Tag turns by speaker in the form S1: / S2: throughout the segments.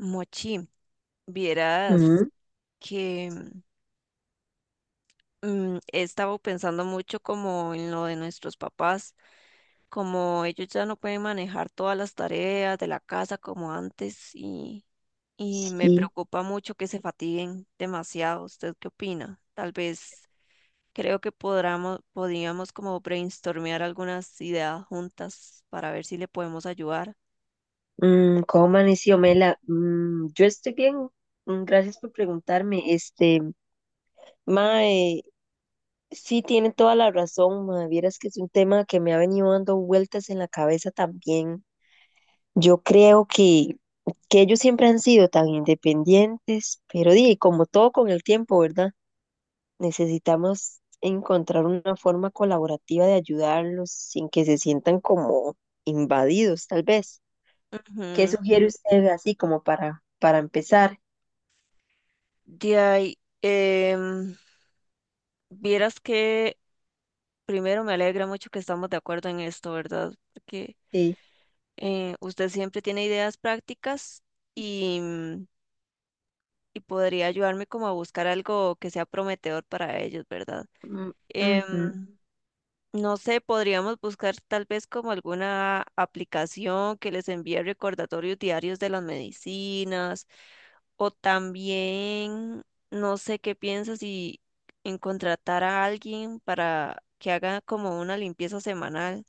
S1: Mochi, vieras
S2: Mm,
S1: que he estado pensando mucho como en lo de nuestros papás, como ellos ya no pueden manejar todas las tareas de la casa como antes y me
S2: sí.
S1: preocupa mucho que se fatiguen demasiado. ¿Usted qué opina? Tal vez creo que podríamos como brainstormear algunas ideas juntas para ver si le podemos ayudar.
S2: ¿Cómo amaneció Mela? Yo estoy bien. Gracias por preguntarme. Mae, sí tiene toda la razón, mae. Vieras que es un tema que me ha venido dando vueltas en la cabeza también. Yo creo que ellos siempre han sido tan independientes, pero di, como todo con el tiempo, ¿verdad? Necesitamos encontrar una forma colaborativa de ayudarlos sin que se sientan como invadidos, tal vez. ¿Qué
S1: Ujú.
S2: sugiere usted así como para, empezar?
S1: De ahí, vieras que primero, me alegra mucho que estamos de acuerdo en esto, ¿verdad? Porque
S2: Sí.
S1: usted siempre tiene ideas prácticas y, y podría ayudarme como a buscar algo que sea prometedor para ellos, ¿verdad?
S2: Mm,
S1: Em,
S2: ujú,
S1: no sé, podríamos buscar tal vez como alguna aplicación que les envíe recordatorios diarios de las medicinas o también, no sé qué piensas si en contratar a alguien para que haga como una limpieza semanal,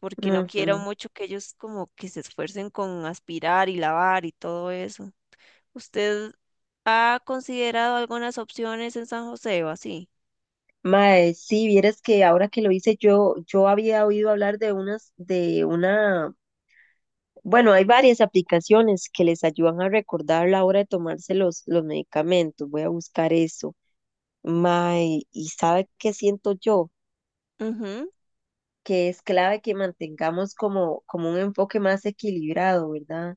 S1: porque no quiero
S2: ujú.
S1: mucho que ellos como que se esfuercen con aspirar y lavar y todo eso. ¿Usted ha considerado algunas opciones en San José o así?
S2: Mae, sí, vieras que ahora que lo hice yo había oído hablar de unas, de una, bueno, hay varias aplicaciones que les ayudan a recordar la hora de tomarse los medicamentos. Voy a buscar eso. Mae, ¿y sabe qué siento yo?
S1: Ujú.
S2: Que es clave que mantengamos como un enfoque más equilibrado, ¿verdad?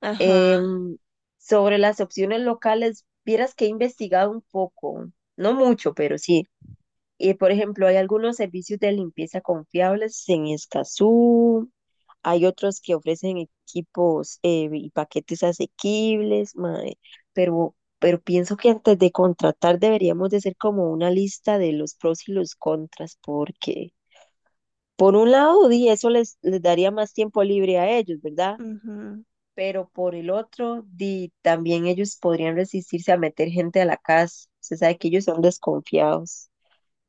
S1: Ajá.
S2: Em, Sobre las opciones locales, vieras que he investigado un poco, no mucho, pero sí. Y por ejemplo, hay algunos servicios de limpieza confiables en Escazú, hay otros que ofrecen equipos y paquetes asequibles, mae, pero pienso que antes de contratar deberíamos de hacer como una lista de los pros y los contras, porque por un lado, di, eso les daría más tiempo libre a ellos, ¿verdad?
S1: Ujú.
S2: Pero por el otro, di, también ellos podrían resistirse a meter gente a la casa. Se sabe que ellos son desconfiados.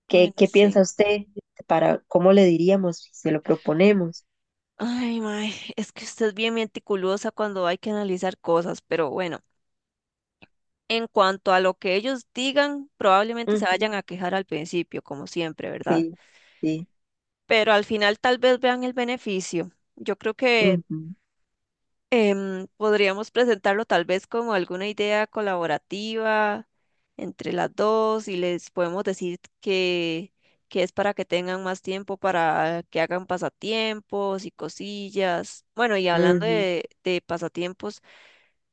S2: ¿Qué,
S1: Bueno,
S2: piensa
S1: sí.
S2: usted para cómo le diríamos si se lo proponemos?
S1: Ay, mae, es que usted es bien meticulosa cuando hay que analizar cosas, pero bueno, en cuanto a lo que ellos digan, probablemente se
S2: Ujú,
S1: vayan a quejar al principio, como siempre, ¿verdad?
S2: sí, sí,
S1: Pero al final tal vez vean el beneficio. Yo creo que
S2: ujú,
S1: Podríamos presentarlo tal vez como alguna idea colaborativa entre las dos y les podemos decir que es para que tengan más tiempo para que hagan pasatiempos y cosillas. Bueno, y hablando
S2: ujú,
S1: de pasatiempos,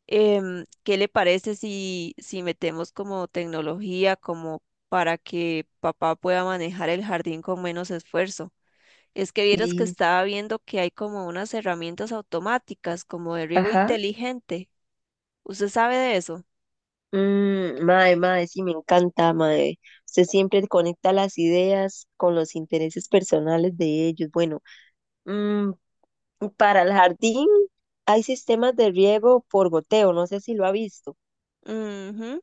S1: ¿qué le parece si, si metemos como tecnología como para que papá pueda manejar el jardín con menos esfuerzo? Es que vieras que
S2: sí,
S1: estaba viendo que hay como unas herramientas automáticas, como de riego
S2: ajá.
S1: inteligente. ¿Usted sabe de eso?
S2: Mae, mae, sí, me encanta, mae. Usted siempre conecta las ideas con los intereses personales de ellos. Bueno, mm, para el jardín hay sistemas de riego por goteo, no sé si lo ha visto.
S1: Mhm.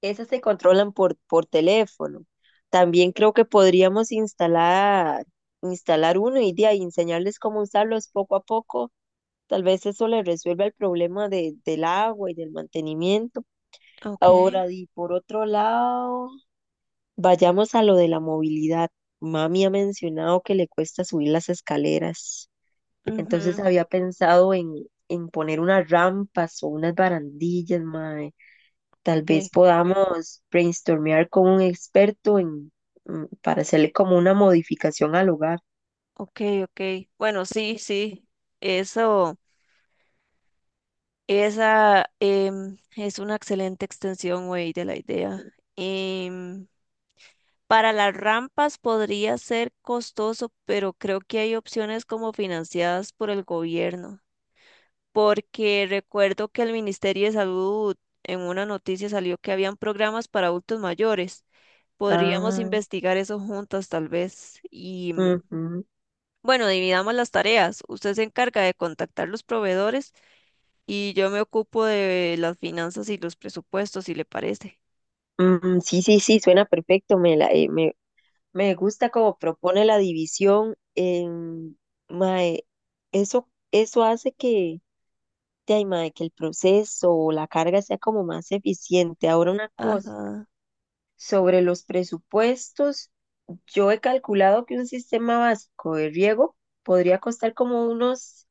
S2: Esas se controlan por teléfono. También creo que podríamos instalar uno y de ahí enseñarles cómo usarlos poco a poco. Tal vez eso les resuelva el problema del agua y del mantenimiento.
S1: Ok.
S2: Ahora, y por otro lado, vayamos a lo de la movilidad. Mami ha mencionado que le cuesta subir las escaleras. Entonces
S1: Ujú.
S2: había pensado en poner unas rampas o unas barandillas, mae. Tal vez
S1: Ok,
S2: podamos brainstormear con un experto en, para hacerle como una modificación al hogar.
S1: ok, ok. Bueno, sí, sí. Eso, esa es una excelente extensión, güey, de la idea. Em, para las rampas podría ser costoso, pero creo que hay opciones como financiadas por el gobierno, porque recuerdo que el Ministerio de Salud en una noticia salió que habían programas para adultos mayores. Podríamos
S2: Ah,
S1: investigar eso juntas tal vez. Y
S2: ujú,
S1: bueno, dividamos las tareas. Usted se encarga de contactar los proveedores y yo me ocupo de las finanzas y los presupuestos, si le parece.
S2: mm, sí, sí, sí, suena perfecto. Me gusta cómo propone la división. Mae, eso hace que, de ahí, mae, que el proceso o la carga sea como más eficiente. Ahora una cosa.
S1: Ajá,
S2: Sobre los presupuestos, yo he calculado que un sistema básico de riego podría costar como unos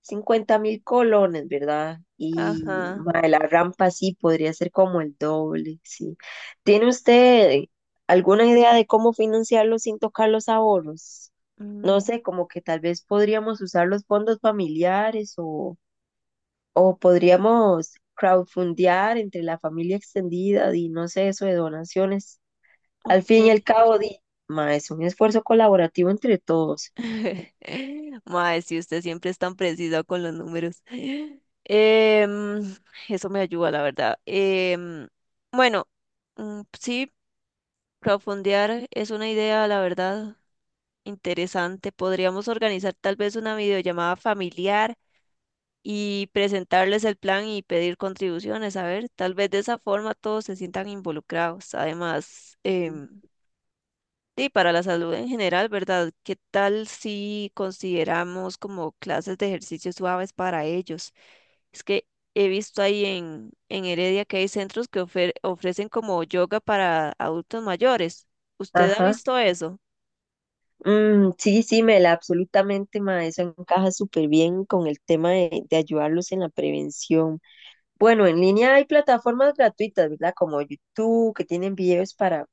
S2: 50.000 colones, ¿verdad? Y
S1: ajá.
S2: mae, la rampa sí podría ser como el doble, sí. ¿Tiene usted alguna idea de cómo financiarlo sin tocar los ahorros? No
S1: mm,
S2: sé, como que tal vez podríamos usar los fondos familiares o podríamos crowdfundear entre la familia extendida y no sé, eso de donaciones. Al fin y
S1: ok.
S2: al cabo, di, ma, es un esfuerzo colaborativo entre todos.
S1: Mae, si usted siempre es tan preciso con los números. Em, eso me ayuda, la verdad. Bueno, sí, profundear es una idea, la verdad, interesante. Podríamos organizar tal vez una videollamada familiar y presentarles el plan y pedir contribuciones. A ver, tal vez de esa forma todos se sientan involucrados. Además, sí, para la salud en general, ¿verdad? ¿Qué tal si consideramos como clases de ejercicios suaves para ellos? Es que he visto ahí en Heredia que hay centros que ofrecen como yoga para adultos mayores. ¿Usted ha
S2: Ajá.
S1: visto eso?
S2: Mm, sí, sí, Mela, absolutamente, ma, eso encaja súper bien con el tema de ayudarlos en la prevención. Bueno, en línea hay plataformas gratuitas, ¿verdad? Como YouTube, que tienen videos para,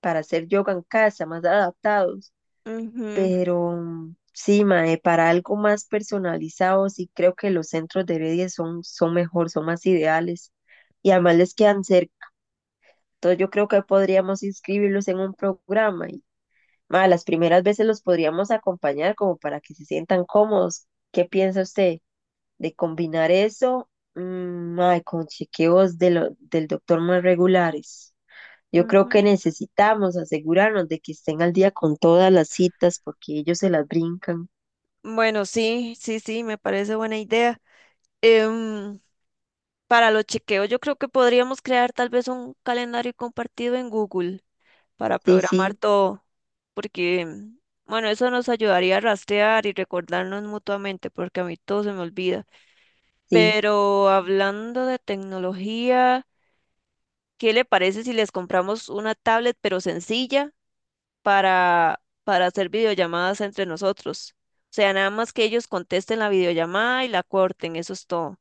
S2: hacer yoga en casa, más adaptados.
S1: Ujú,
S2: Pero sí, ma, para algo más personalizado, sí creo que los centros de Heredia son mejor, son más ideales. Y además les quedan cerca. Entonces yo creo que podríamos inscribirlos en un programa y ma, las primeras veces los podríamos acompañar como para que se sientan cómodos. ¿Qué piensa usted de combinar eso mm, ma, con chequeos del doctor más regulares? Yo creo que
S1: ujú.
S2: necesitamos asegurarnos de que estén al día con todas las citas porque ellos se las brincan.
S1: Bueno, sí, sí, sí, me parece buena idea. Em, para los chequeos, yo creo que podríamos crear tal vez un calendario compartido en Google para
S2: Sí,
S1: programar
S2: sí,
S1: todo, porque, bueno, eso nos ayudaría a rastrear y recordarnos mutuamente, porque a mí todo se me olvida.
S2: sí.
S1: Pero hablando de tecnología, ¿qué le parece si les compramos una tablet pero sencilla para hacer videollamadas entre nosotros? O sea, nada más que ellos contesten la videollamada y la corten, eso es todo.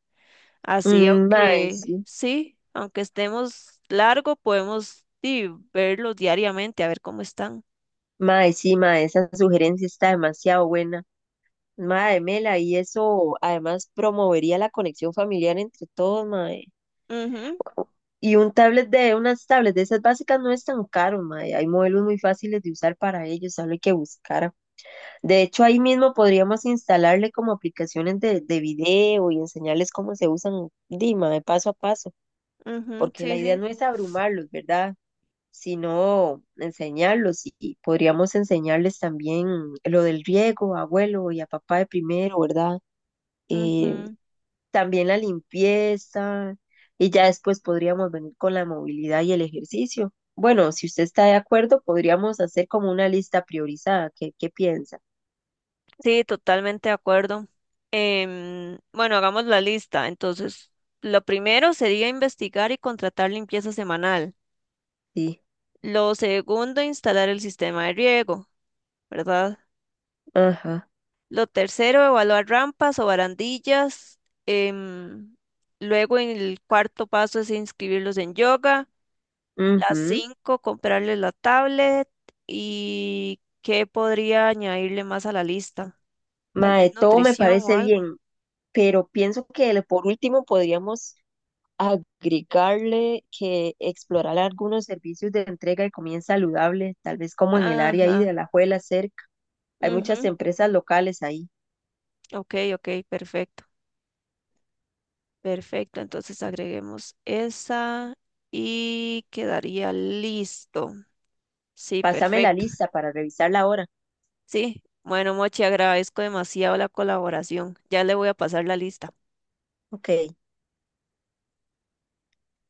S1: Así,
S2: Mm, mae,
S1: aunque
S2: sí.
S1: sí, aunque estemos largo, podemos sí, verlos diariamente, a ver cómo están.
S2: Mae, sí, mae, esa sugerencia está demasiado buena. Mae, Mela, y eso además promovería la conexión familiar entre todos, mae.
S1: Ujú.
S2: Y unas tablets de esas básicas no es tan caro, mae. Hay modelos muy fáciles de usar para ellos, solo hay que buscar. De hecho, ahí mismo podríamos instalarle como aplicaciones de video y enseñarles cómo se usan, Dima, de paso a paso,
S1: Ujú,
S2: porque la
S1: sí,
S2: idea
S1: sí.
S2: no es abrumarlos, ¿verdad? Sino enseñarlos y podríamos enseñarles también lo del riego, abuelo y a papá de primero, ¿verdad? Eh,
S1: Ujú.
S2: También la limpieza y ya después podríamos venir con la movilidad y el ejercicio. Bueno, si usted está de acuerdo, podríamos hacer como una lista priorizada. ¿Qué, piensa?
S1: Sí, totalmente de acuerdo. Bueno, hagamos la lista. Entonces, lo primero sería investigar y contratar limpieza semanal.
S2: Sí,
S1: Lo segundo, instalar el sistema de riego, ¿verdad?
S2: ajá.
S1: Lo tercero, evaluar rampas o barandillas, em, luego, en el cuarto paso es inscribirlos en yoga. Las
S2: Ujú.
S1: cinco, comprarles la tablet. ¿Y qué podría añadirle más a la lista? Tal vez
S2: Mae, todo me
S1: nutrición o
S2: parece
S1: algo.
S2: bien, pero pienso que por último podríamos agregarle que explorar algunos servicios de entrega y comida saludable, tal vez como en el área ahí de
S1: Ajá.
S2: Alajuela cerca. Hay muchas
S1: Ujú.
S2: empresas locales ahí.
S1: Ok, ok, perfecto. Perfecto. Entonces agreguemos esa y quedaría listo. Sí,
S2: Pásame la
S1: perfecto.
S2: lista para revisarla ahora.
S1: Sí. Bueno, Mochi, agradezco demasiado la colaboración. Ya le voy a pasar la lista.
S2: Ok.